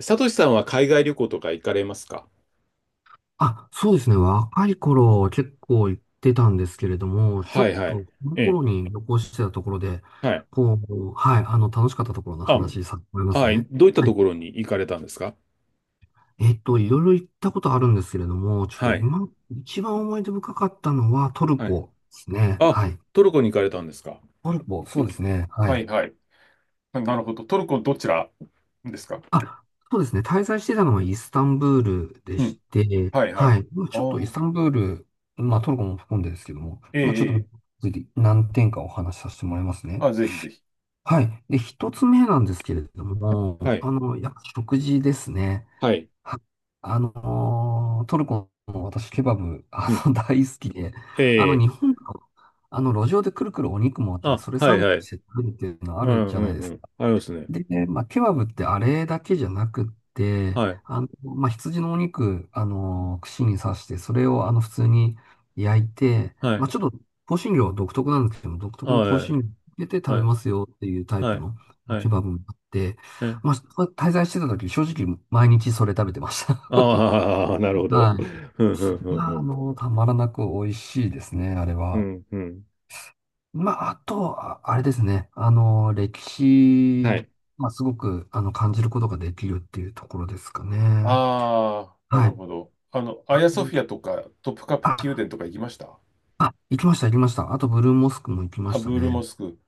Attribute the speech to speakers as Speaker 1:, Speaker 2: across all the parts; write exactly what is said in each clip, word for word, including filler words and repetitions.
Speaker 1: サトシさんは海外旅行とか行かれますか？
Speaker 2: あ、そうですね。若い頃結構行ってたんですけれども、ちょ
Speaker 1: はい
Speaker 2: っ
Speaker 1: はい。
Speaker 2: とこの
Speaker 1: ええ。
Speaker 2: 頃に旅行してたところで、
Speaker 1: はい。
Speaker 2: こう、はい、あの、楽しかったところの
Speaker 1: あ、
Speaker 2: 話させてもらいます
Speaker 1: はい。
Speaker 2: ね。
Speaker 1: どういった
Speaker 2: は
Speaker 1: と
Speaker 2: い。
Speaker 1: ころに行かれたんですか？
Speaker 2: えっと、いろいろ行ったことあるんですけれども、ちょっと
Speaker 1: はい。
Speaker 2: 今、一番思い出深かったのはトル
Speaker 1: はい。
Speaker 2: コですね。
Speaker 1: あ、
Speaker 2: はい。
Speaker 1: トルコに行かれたんですか？
Speaker 2: トルコ、そうですね。は
Speaker 1: は
Speaker 2: い。
Speaker 1: いはい。なるほど。トルコどちらですか？
Speaker 2: あ、そうですね。滞在してたのはイスタンブールで
Speaker 1: うん。
Speaker 2: して、
Speaker 1: はいは
Speaker 2: は
Speaker 1: い。
Speaker 2: い。まあ
Speaker 1: あ
Speaker 2: ちょっとイ
Speaker 1: あ、
Speaker 2: スタンブール、まあトルコも含んでですけども、
Speaker 1: ええ、
Speaker 2: まあちょっと
Speaker 1: ええ。
Speaker 2: 次何点かお話しさせてもらいますね。
Speaker 1: あ、ぜひぜひ。
Speaker 2: はい。で、一つ目なんですけれど
Speaker 1: は
Speaker 2: も、
Speaker 1: い。
Speaker 2: あの、やっぱ食事ですね。
Speaker 1: はい。
Speaker 2: はあのートルコの私、ケバブ、あ
Speaker 1: うん。
Speaker 2: の、大好きで、
Speaker 1: え
Speaker 2: あの、日
Speaker 1: え。
Speaker 2: 本の、あの、路上でくるくるお肉もあって、
Speaker 1: あ、
Speaker 2: それ
Speaker 1: は
Speaker 2: サ
Speaker 1: い
Speaker 2: ンド
Speaker 1: はい。
Speaker 2: して食べるっていうのあ
Speaker 1: う
Speaker 2: る
Speaker 1: ん
Speaker 2: じ
Speaker 1: う
Speaker 2: ゃないで
Speaker 1: ん
Speaker 2: す
Speaker 1: うん。
Speaker 2: か。
Speaker 1: ありますね。
Speaker 2: で、まあ、ケバブってあれだけじゃなくって、
Speaker 1: はい。
Speaker 2: あの、まあ、羊のお肉、あの、串に刺して、それをあの、普通に焼いて、
Speaker 1: は
Speaker 2: まあ、
Speaker 1: い。
Speaker 2: ちょっと香辛料は独特なんですけども、独
Speaker 1: あ
Speaker 2: 特の香
Speaker 1: は
Speaker 2: 辛
Speaker 1: い。
Speaker 2: 料を入れて食
Speaker 1: は
Speaker 2: べ
Speaker 1: い。
Speaker 2: ますよっていうタイ
Speaker 1: は
Speaker 2: プ
Speaker 1: い。
Speaker 2: の
Speaker 1: は
Speaker 2: ケ
Speaker 1: い。
Speaker 2: バブもあって、
Speaker 1: え
Speaker 2: まあ、滞在してた時、正直毎日それ食べてました。
Speaker 1: ああ、なるほ ど。
Speaker 2: はい。
Speaker 1: ふんふんふんふ
Speaker 2: まあ、あ
Speaker 1: ん。
Speaker 2: の、たまらなく美味しいですね、あれ
Speaker 1: う
Speaker 2: は。
Speaker 1: ん、うん。
Speaker 2: まあ、あと、ああれですね。あの、歴
Speaker 1: は
Speaker 2: 史、
Speaker 1: い。
Speaker 2: まあ、すごく、あの、感じることができるっていうところですかね。
Speaker 1: ああ、な
Speaker 2: は
Speaker 1: る
Speaker 2: い。
Speaker 1: ほど。あの、ア
Speaker 2: あ、
Speaker 1: ヤソフィアとか、トプカプ宮
Speaker 2: あ、
Speaker 1: 殿とか行きました
Speaker 2: あ、行きました、行きました。あと、ブルーモスクも行きま
Speaker 1: あ、
Speaker 2: し
Speaker 1: ブ
Speaker 2: た
Speaker 1: ールモ
Speaker 2: ね。
Speaker 1: スク。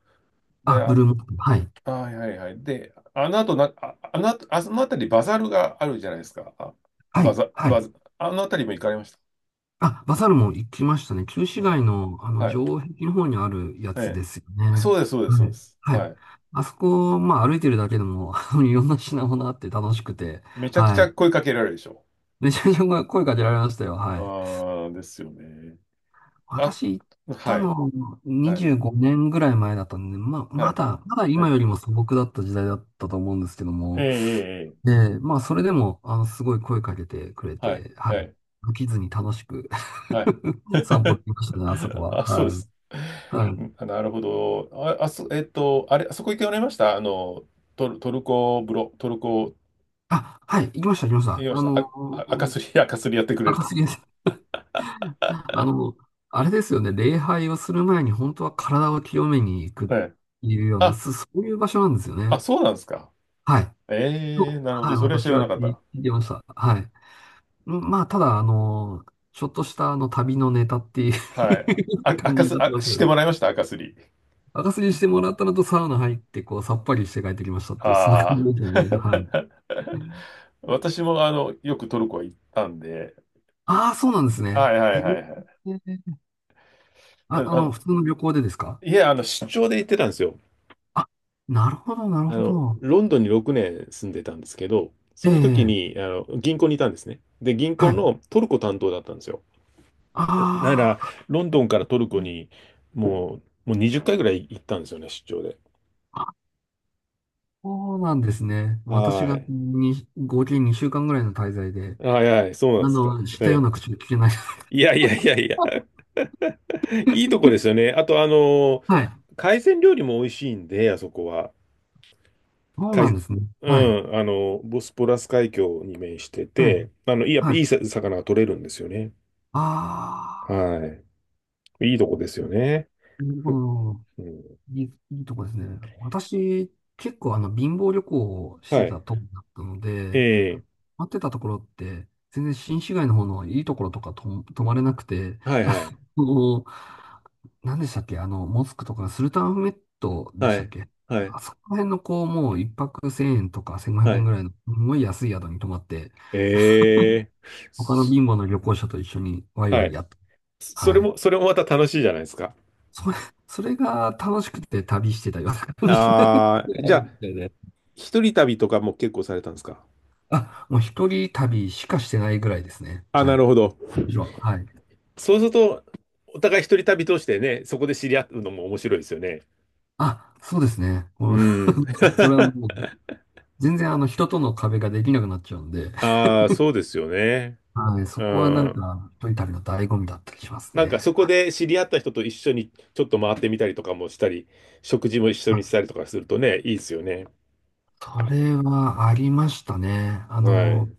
Speaker 1: で、
Speaker 2: あ、ブ
Speaker 1: あ、
Speaker 2: ルーモスク、はい。
Speaker 1: あはいはいはい。で、あの後な、あ、あの後、あその辺りバザルがあるじゃないですか。あ、
Speaker 2: は
Speaker 1: バ
Speaker 2: い、
Speaker 1: ザ、
Speaker 2: はい。
Speaker 1: バザ、あの辺りも行かれました？
Speaker 2: あ、バサルも行きましたね。旧市
Speaker 1: うん
Speaker 2: 街の、あの、
Speaker 1: はい。
Speaker 2: 城壁の方にあるや
Speaker 1: え
Speaker 2: つですよね。
Speaker 1: え。そうです、そうです、そ
Speaker 2: は
Speaker 1: うで
Speaker 2: い、
Speaker 1: す。
Speaker 2: は
Speaker 1: は
Speaker 2: い。
Speaker 1: い。
Speaker 2: あそこ、まあ、歩いてるだけでも、あのいろんな品物あって楽しくて、
Speaker 1: めちゃくち
Speaker 2: は
Speaker 1: ゃ
Speaker 2: い。
Speaker 1: 声かけられるでしょ？
Speaker 2: めちゃめちゃ声声かけられましたよ。はい。
Speaker 1: ああ、ですよね。あ、
Speaker 2: 私行っ
Speaker 1: は
Speaker 2: た
Speaker 1: い、
Speaker 2: の
Speaker 1: はい、
Speaker 2: にじゅうごねんぐらい前だったんで、まあ、
Speaker 1: は
Speaker 2: ま
Speaker 1: い。
Speaker 2: だ、まだ
Speaker 1: は
Speaker 2: 今
Speaker 1: い
Speaker 2: よりも素朴だった時代だったと思うんですけど
Speaker 1: ええ、
Speaker 2: も、
Speaker 1: ええ、ええ
Speaker 2: で、まあ、それでも、あの、すごい声かけてくれ
Speaker 1: はい、
Speaker 2: て、はい。
Speaker 1: はい、
Speaker 2: 飽きずに楽しく
Speaker 1: はい。
Speaker 2: 散歩で きましたね、あそこは。
Speaker 1: あ、そうで
Speaker 2: はい。
Speaker 1: す。
Speaker 2: は
Speaker 1: う
Speaker 2: い。
Speaker 1: んなるほど。あ、あそ、えっと、あれ、あそこ行っておられました、あの、トル、トルコ風呂、トルコ、
Speaker 2: あ、はい、行きました、行きました。
Speaker 1: 言いまし
Speaker 2: あ
Speaker 1: た。あ、
Speaker 2: の、
Speaker 1: あ赤すり、赤すりやってくれる
Speaker 2: 赤
Speaker 1: とこ。
Speaker 2: 杉さんあの、あれですよね、礼拝をする前に本当は体を清めに行くって
Speaker 1: はい。
Speaker 2: いうような、
Speaker 1: あ、
Speaker 2: そそういう場所なんですよ
Speaker 1: あ、
Speaker 2: ね。
Speaker 1: そうなんですか。
Speaker 2: はい。
Speaker 1: ええー
Speaker 2: と、
Speaker 1: なるほ
Speaker 2: は
Speaker 1: ど。
Speaker 2: い、
Speaker 1: それは知
Speaker 2: 私
Speaker 1: ら
Speaker 2: は
Speaker 1: なかっ
Speaker 2: 聞
Speaker 1: た。
Speaker 2: いてました。はい。うんまあ、ただ、あの、ちょっとしたあの旅のネタってい
Speaker 1: はい。
Speaker 2: う
Speaker 1: あ、
Speaker 2: 感
Speaker 1: 赤
Speaker 2: じにな
Speaker 1: す、
Speaker 2: って
Speaker 1: あ、
Speaker 2: ますけ
Speaker 1: して
Speaker 2: ど、
Speaker 1: もらいました、赤すり。
Speaker 2: 赤すりしてもらったのとサウナ入って、こう、さっぱりして帰ってきましたっていう、そんな感じ
Speaker 1: あ
Speaker 2: ですよ
Speaker 1: あ。
Speaker 2: ね。はい。
Speaker 1: 私も、あの、よくトルコ行ったんで。
Speaker 2: ああ、そうなんですね。
Speaker 1: はいは
Speaker 2: へ
Speaker 1: いはいはい。
Speaker 2: え。
Speaker 1: あ
Speaker 2: あ、あの、
Speaker 1: の、
Speaker 2: 普通の旅行でですか？
Speaker 1: いや、あの、出張で行ってたんですよ。
Speaker 2: あ、なるほど、なる
Speaker 1: あ
Speaker 2: ほ
Speaker 1: の、
Speaker 2: ど。
Speaker 1: ロンドンにろくねん住んでたんですけど、
Speaker 2: え
Speaker 1: その時
Speaker 2: え、
Speaker 1: に、あの、銀行にいたんですね。で、銀
Speaker 2: は
Speaker 1: 行
Speaker 2: い。
Speaker 1: のトルコ担当だったんですよ。
Speaker 2: あ
Speaker 1: なから、
Speaker 2: ー
Speaker 1: ロンドンからトルコに、もう、もうにじゅっかいぐらい行ったんですよね、出張で。
Speaker 2: あ、そうなんですね。私
Speaker 1: は
Speaker 2: が
Speaker 1: い。
Speaker 2: に合計にしゅうかんぐらいの滞在で、
Speaker 1: はいはい、そうなんで
Speaker 2: あ
Speaker 1: すか。
Speaker 2: の、したよう
Speaker 1: え
Speaker 2: な
Speaker 1: え。
Speaker 2: 口で聞けない。
Speaker 1: いやいやいやいや、いいとこですよね。あと、あの、
Speaker 2: はい。
Speaker 1: 海鮮料理も美味しいんで、あそこは。
Speaker 2: そうなん
Speaker 1: 海、
Speaker 2: ですね。
Speaker 1: う
Speaker 2: はい。
Speaker 1: ん、あの、ボスポラス海峡に面して
Speaker 2: はい。
Speaker 1: て、あの、いいや、
Speaker 2: はい。
Speaker 1: いいさ魚が取れるんですよね。
Speaker 2: あ
Speaker 1: はい。いいとこですよね。
Speaker 2: あ、なるほ
Speaker 1: ふ
Speaker 2: ど。
Speaker 1: うん
Speaker 2: いい、いいとこですね。私、結構あの、貧乏旅行をし
Speaker 1: は
Speaker 2: てた
Speaker 1: い。
Speaker 2: とこだったので、
Speaker 1: ええ
Speaker 2: 待ってたところって、全然新市街の方のいいところとかと泊まれなくて、
Speaker 1: はい
Speaker 2: あ
Speaker 1: はい。
Speaker 2: の、何でしたっけあの、モスクとかスルタンアフメットで
Speaker 1: は
Speaker 2: したっ
Speaker 1: い。
Speaker 2: け？
Speaker 1: はい。
Speaker 2: あそこら辺のこう、もう一泊せんえんとか1500
Speaker 1: は
Speaker 2: 円
Speaker 1: い。
Speaker 2: ぐらいの、すごい安い宿に泊まって、
Speaker 1: ええ
Speaker 2: 他の
Speaker 1: そ
Speaker 2: 貧乏の旅行者と一緒にワイワ
Speaker 1: は
Speaker 2: イ
Speaker 1: い。
Speaker 2: やっと。
Speaker 1: それ
Speaker 2: はい。
Speaker 1: も、それもまた楽しいじゃないですか。
Speaker 2: それ、それが楽しくて旅してたような感じになる
Speaker 1: ああ、
Speaker 2: あ
Speaker 1: じゃ
Speaker 2: る
Speaker 1: あ、
Speaker 2: みたいで。
Speaker 1: 一人旅とかも結構されたんですか？
Speaker 2: あ、もう一人旅しかしてないぐらいですね。
Speaker 1: あ、
Speaker 2: は
Speaker 1: な
Speaker 2: い。
Speaker 1: るほど。
Speaker 2: 以上はい。
Speaker 1: そうすると、お互い一人旅通してね、そこで知り合うのも面白いですよね。
Speaker 2: あ、そうですね。
Speaker 1: う
Speaker 2: も
Speaker 1: ん。
Speaker 2: う それは もう、全然あの人との壁ができなくなっちゃうんで、
Speaker 1: ああ、そうですよね。
Speaker 2: はい、そ
Speaker 1: う
Speaker 2: こはなん
Speaker 1: ん。
Speaker 2: か一人旅の醍醐味だったりします
Speaker 1: なんか
Speaker 2: ね。
Speaker 1: そこで知り合った人と一緒にちょっと回ってみたりとかもしたり、食事も一緒に
Speaker 2: あ、
Speaker 1: したりとかするとね、いいですよね。
Speaker 2: それはありましたね。あ
Speaker 1: は
Speaker 2: の、
Speaker 1: い。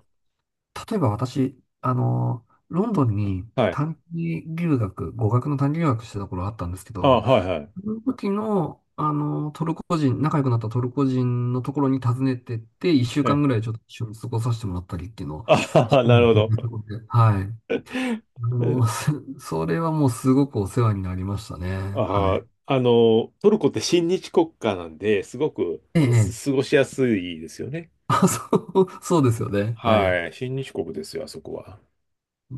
Speaker 2: 例えば私、あの、ロンドンに
Speaker 1: はい。
Speaker 2: 短期留学、語学の短期留学してた頃あったんですけ
Speaker 1: あ、
Speaker 2: ど、
Speaker 1: はいはい。
Speaker 2: その時の、あの、トルコ人、仲良くなったトルコ人のところに訪ねてって、一週間
Speaker 1: え、
Speaker 2: ぐらいちょっと一緒に過ごさせてもらったりっていうのを、
Speaker 1: あ、
Speaker 2: う
Speaker 1: なる
Speaker 2: ん
Speaker 1: ほ
Speaker 2: で
Speaker 1: ど。
Speaker 2: はい。あの、
Speaker 1: え
Speaker 2: そそれはもうすごくお世話になりましたね。は
Speaker 1: あ、
Speaker 2: い。
Speaker 1: あの、トルコって親日国家なんで、すごく
Speaker 2: ええ、え
Speaker 1: す
Speaker 2: え、
Speaker 1: 過ごしやすいですよね。
Speaker 2: あ、そう、そうですよね。はい。
Speaker 1: はい。親日国ですよ、あそこは。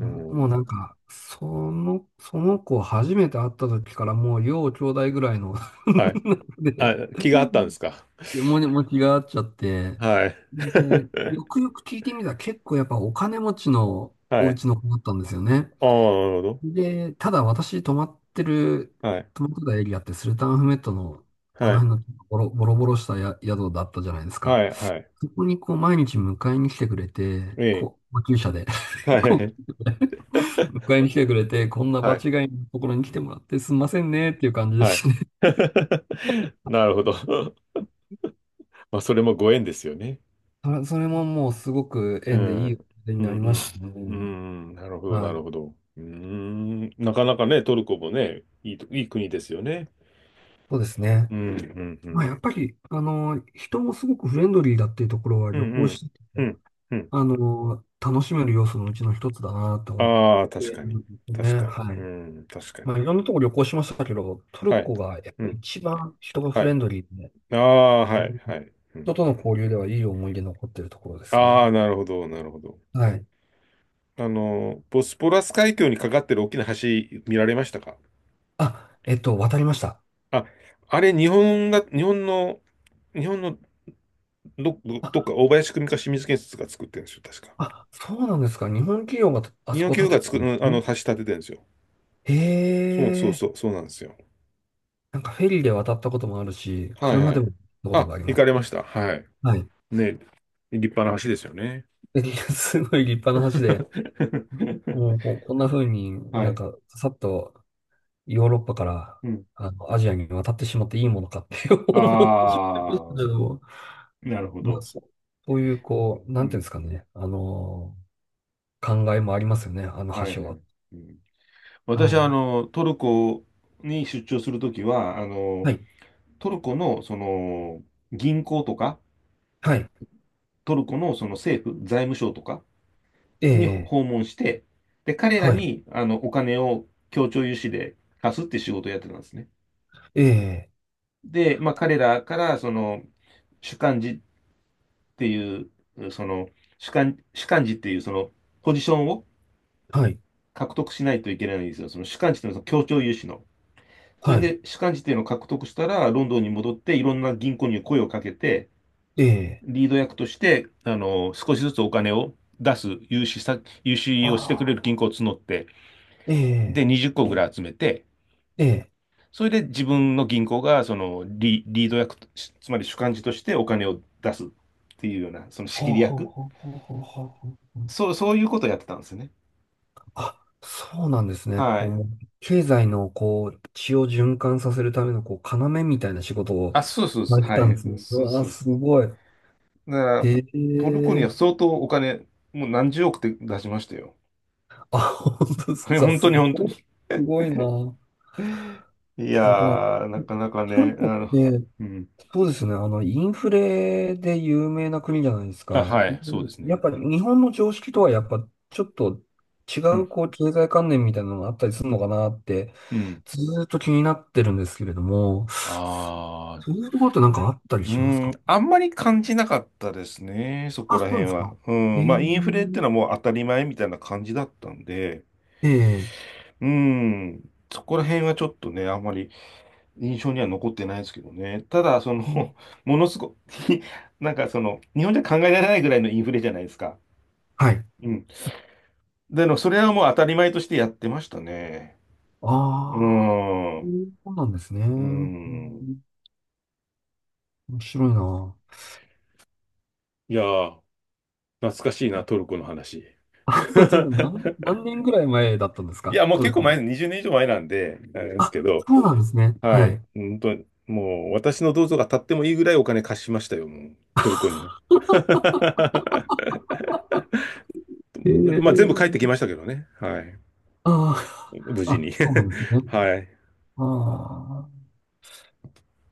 Speaker 1: う
Speaker 2: うもう
Speaker 1: ん。
Speaker 2: なんか、その、その子初めて会った時からもう要兄弟ぐらいの
Speaker 1: はい。あ、
Speaker 2: で、う
Speaker 1: 気があったんですか？
Speaker 2: で、もに、持ちがあっちゃって、
Speaker 1: はい。
Speaker 2: で、よ くよく聞いてみたら結構やっぱお金持ちのお
Speaker 1: はい。
Speaker 2: 家の子だったんですよね。
Speaker 1: ああ、なるほど。
Speaker 2: で、ただ私泊まってる、
Speaker 1: はい。
Speaker 2: 泊まってたエリアってスルタンアフメットのあ
Speaker 1: はい。
Speaker 2: の辺のボロボロボロしたや宿だったじゃないです
Speaker 1: は
Speaker 2: か。
Speaker 1: い。はい。
Speaker 2: そこにこう毎日迎えに来てくれて、
Speaker 1: ええ。
Speaker 2: こう、救車で
Speaker 1: は
Speaker 2: こ
Speaker 1: い。
Speaker 2: う、迎えに来てくれて、こんな場
Speaker 1: はい。
Speaker 2: 違いのところに来てもらってすんませんねっていう感じで
Speaker 1: はい。
Speaker 2: すね。
Speaker 1: なるほど。まあ、それもご縁ですよね。
Speaker 2: それそれももうすごく
Speaker 1: う
Speaker 2: 縁でい
Speaker 1: ん、う
Speaker 2: い思い
Speaker 1: ん、
Speaker 2: 出に
Speaker 1: う
Speaker 2: なりま
Speaker 1: ん、
Speaker 2: した
Speaker 1: う
Speaker 2: ね。
Speaker 1: ん、なるほど、
Speaker 2: は
Speaker 1: なるほ
Speaker 2: い。
Speaker 1: ど。うーん、なかなかね、トルコもね、いいと、いい国ですよね。
Speaker 2: そうですね。
Speaker 1: うん、うん、う
Speaker 2: まあ
Speaker 1: ん、
Speaker 2: やっぱり、あの、人もすごくフレンドリーだっていうところは
Speaker 1: う
Speaker 2: 旅
Speaker 1: ん、う
Speaker 2: 行
Speaker 1: ん、
Speaker 2: して
Speaker 1: う
Speaker 2: て、
Speaker 1: ん、うん。
Speaker 2: あの、楽しめる要素のうちの一つだなと思っ
Speaker 1: ああ、
Speaker 2: て
Speaker 1: 確か
Speaker 2: る
Speaker 1: に、
Speaker 2: んです
Speaker 1: 確
Speaker 2: ね。
Speaker 1: かに、
Speaker 2: は
Speaker 1: う
Speaker 2: い。
Speaker 1: ん、確か
Speaker 2: ま
Speaker 1: に。
Speaker 2: あ、いろんなとこ旅行しましたけど、トル
Speaker 1: はい、
Speaker 2: コがやっ
Speaker 1: う
Speaker 2: ぱり
Speaker 1: ん、
Speaker 2: 一番人が
Speaker 1: は
Speaker 2: フレ
Speaker 1: い。
Speaker 2: ンドリーで、
Speaker 1: ああ、
Speaker 2: う
Speaker 1: はい、
Speaker 2: ん
Speaker 1: はい。うん、
Speaker 2: 人と
Speaker 1: う
Speaker 2: の
Speaker 1: ん。
Speaker 2: 交流ではいい思い出残ってるところです
Speaker 1: ああ、
Speaker 2: ね。
Speaker 1: なるほど、なるほど。
Speaker 2: はい。
Speaker 1: あの、ボスポラス海峡にかかってる大きな橋見られましたか？
Speaker 2: あ、えっと、渡りました。
Speaker 1: あ、あれ、日本が、日本の、日本のど、どどっか、
Speaker 2: あ、
Speaker 1: 大林組か清水建設が作ってるんですよ、確か。
Speaker 2: あ、そうなんですか。日本企業があ
Speaker 1: 二
Speaker 2: そ
Speaker 1: よん
Speaker 2: こ
Speaker 1: きゅう
Speaker 2: 建て
Speaker 1: が
Speaker 2: て
Speaker 1: 作
Speaker 2: るんで
Speaker 1: る、
Speaker 2: す
Speaker 1: あの、
Speaker 2: ね。
Speaker 1: 橋立ててるんですよ。
Speaker 2: へ
Speaker 1: そうそう
Speaker 2: え、
Speaker 1: そう、そうなんですよ。
Speaker 2: なんかフェリーで渡ったこともあるし、
Speaker 1: はいは
Speaker 2: 車で
Speaker 1: い。
Speaker 2: も行ったこと
Speaker 1: あ、
Speaker 2: があり
Speaker 1: 行
Speaker 2: ます。
Speaker 1: かれました。はい。
Speaker 2: はい。
Speaker 1: ね、立派な橋ですよね。
Speaker 2: すごい立派な橋で、もう こうこんな風に
Speaker 1: は
Speaker 2: なん
Speaker 1: い。
Speaker 2: かさっとヨーロッパから
Speaker 1: うん。
Speaker 2: あのアジアに渡ってしまっていいものかって 思っ
Speaker 1: あ
Speaker 2: てしまいましたけ
Speaker 1: あ、
Speaker 2: ど、
Speaker 1: なるほ
Speaker 2: まあ、
Speaker 1: ど。
Speaker 2: そうそういう、こう、
Speaker 1: う
Speaker 2: なんていうんで
Speaker 1: ん。
Speaker 2: すかね、あの、考えもありますよね、あの
Speaker 1: はい
Speaker 2: 橋
Speaker 1: は
Speaker 2: は。
Speaker 1: い。うん、私
Speaker 2: は
Speaker 1: は、あ
Speaker 2: い。
Speaker 1: の、トルコに出張するときは、あの、
Speaker 2: はい。
Speaker 1: トルコの、その、銀行とか、
Speaker 2: はい。
Speaker 1: トルコのその政府、財務省とか
Speaker 2: え
Speaker 1: に
Speaker 2: え、
Speaker 1: 訪問して、で、彼ら
Speaker 2: はい。
Speaker 1: に、あの、お金を協調融資で貸すって仕事をやってたんですね。
Speaker 2: ええ、
Speaker 1: で、まあ、彼らから、その、主幹事っていう、その、主幹、主幹事っていう、その、ポジションを
Speaker 2: はい。
Speaker 1: 獲得しないといけないんですよ。その主幹事っていうのは、その協調融資の。それ
Speaker 2: はい。
Speaker 1: で、主幹事っていうのを獲得したら、ロンドンに戻って、いろんな銀行に声をかけて、
Speaker 2: ええ、
Speaker 1: リード役として、あの、少しずつお金を出す、融資さ、融資をしてくれ
Speaker 2: あ
Speaker 1: る
Speaker 2: あ、
Speaker 1: 銀行を募って、
Speaker 2: ええ、
Speaker 1: で、にじゅっこぐらい集めて、
Speaker 2: ええ、
Speaker 1: それで自分の銀行がそのリ、リード役し、つまり主幹事としてお金を出すっていうような、その仕切
Speaker 2: ほう
Speaker 1: り
Speaker 2: ほう
Speaker 1: 役。
Speaker 2: ほうほうほうほうほう。
Speaker 1: そう、そういうことをやってたんですよね。
Speaker 2: あ、そうなんですね。
Speaker 1: は
Speaker 2: こう、
Speaker 1: い。
Speaker 2: もう経済の、こう、血を循環させるための、こう、要みたいな仕事を
Speaker 1: あ、そうそう
Speaker 2: さ
Speaker 1: そ
Speaker 2: れ
Speaker 1: う。
Speaker 2: て
Speaker 1: は
Speaker 2: たん
Speaker 1: い。
Speaker 2: ですね。う
Speaker 1: そう
Speaker 2: わあ、
Speaker 1: そうそ
Speaker 2: すごい。
Speaker 1: う。だから、
Speaker 2: へ
Speaker 1: トルコには
Speaker 2: え。
Speaker 1: 相当お金、もう何十億って出しましたよ。
Speaker 2: あ、本当で すか。
Speaker 1: 本当
Speaker 2: す
Speaker 1: に本当
Speaker 2: ごい。
Speaker 1: に。
Speaker 2: すごいな。
Speaker 1: いや
Speaker 2: すごい。
Speaker 1: ー、なかなか
Speaker 2: トル
Speaker 1: ね、あ
Speaker 2: コっ
Speaker 1: の、
Speaker 2: て、
Speaker 1: うん。
Speaker 2: そうですね。あの、インフレで有名な国じゃないです
Speaker 1: あ、
Speaker 2: か。
Speaker 1: は
Speaker 2: う
Speaker 1: い、そうで
Speaker 2: ん
Speaker 1: す
Speaker 2: や
Speaker 1: ね。
Speaker 2: っぱり日本の常識とはやっぱちょっと違
Speaker 1: う
Speaker 2: う
Speaker 1: ん。
Speaker 2: こう経済観念みたいなのがあったりするのかなって
Speaker 1: うん。
Speaker 2: ずーっと気になってるんですけれども、
Speaker 1: あ
Speaker 2: そう
Speaker 1: あ、
Speaker 2: いうところってなんかあったり
Speaker 1: う
Speaker 2: します
Speaker 1: ーん、
Speaker 2: か？
Speaker 1: あんまり感じなかったですね、そこ
Speaker 2: あ、
Speaker 1: ら
Speaker 2: そう
Speaker 1: 辺
Speaker 2: ですか。
Speaker 1: は。うん、
Speaker 2: え
Speaker 1: ま
Speaker 2: え
Speaker 1: あ、インフレってのはもう当たり前みたいな感じだったんで、
Speaker 2: ええ
Speaker 1: うん、そこら辺はちょっとね、あんまり印象には残ってないですけどね。ただ、そ
Speaker 2: うん
Speaker 1: の、ものすごい なんかその、日本じゃ考えられないぐらいのインフレじゃないですか。
Speaker 2: はい。
Speaker 1: うん。でも、それはもう当たり前としてやってましたね。うー
Speaker 2: ああ、
Speaker 1: ん、
Speaker 2: そ
Speaker 1: う
Speaker 2: うなんですね。う
Speaker 1: ー
Speaker 2: ん
Speaker 1: ん。
Speaker 2: 面白いな。
Speaker 1: いやー、懐かしいな、トルコの話。
Speaker 2: あ、本当ですか？何、何年ぐらい前だったんです
Speaker 1: い
Speaker 2: か
Speaker 1: や、もう
Speaker 2: トル
Speaker 1: 結
Speaker 2: コ
Speaker 1: 構
Speaker 2: に。
Speaker 1: 前、にじゅうねん以上前なんで、あれです
Speaker 2: あ、
Speaker 1: けど、
Speaker 2: そうなんですね。
Speaker 1: は
Speaker 2: は
Speaker 1: い。
Speaker 2: い。
Speaker 1: 本当にもう私の銅像が立ってもいいぐらいお金貸しましたよ、もう、トルコには。
Speaker 2: え
Speaker 1: まあ、全部帰ってき
Speaker 2: え
Speaker 1: ましたけどね。はい。
Speaker 2: あ
Speaker 1: 無
Speaker 2: あ、
Speaker 1: 事
Speaker 2: あ、
Speaker 1: に。
Speaker 2: そうなんですね。
Speaker 1: はい。
Speaker 2: ああ、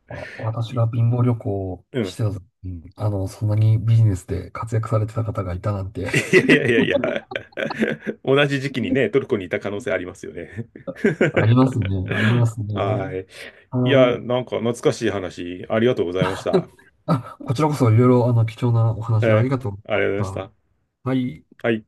Speaker 2: わ私
Speaker 1: い
Speaker 2: が貧乏旅行を
Speaker 1: う
Speaker 2: し
Speaker 1: ん。
Speaker 2: てた時に、あの、そんなにビジネスで活躍されてた方がいたなんて、
Speaker 1: いやいやいやいや。同じ時期にね、ト ルコにいた可能性ありますよね。
Speaker 2: ありますね、ありま すね。
Speaker 1: はい。
Speaker 2: は
Speaker 1: いや、
Speaker 2: い。
Speaker 1: なんか懐かしい話、ありがとうございました。
Speaker 2: あ、こちらこそいろいろ、あの、貴重なお話あり
Speaker 1: え
Speaker 2: がとうござい
Speaker 1: ーあ
Speaker 2: ま
Speaker 1: りがとうございまし
Speaker 2: し
Speaker 1: た。
Speaker 2: た。はい。
Speaker 1: はい。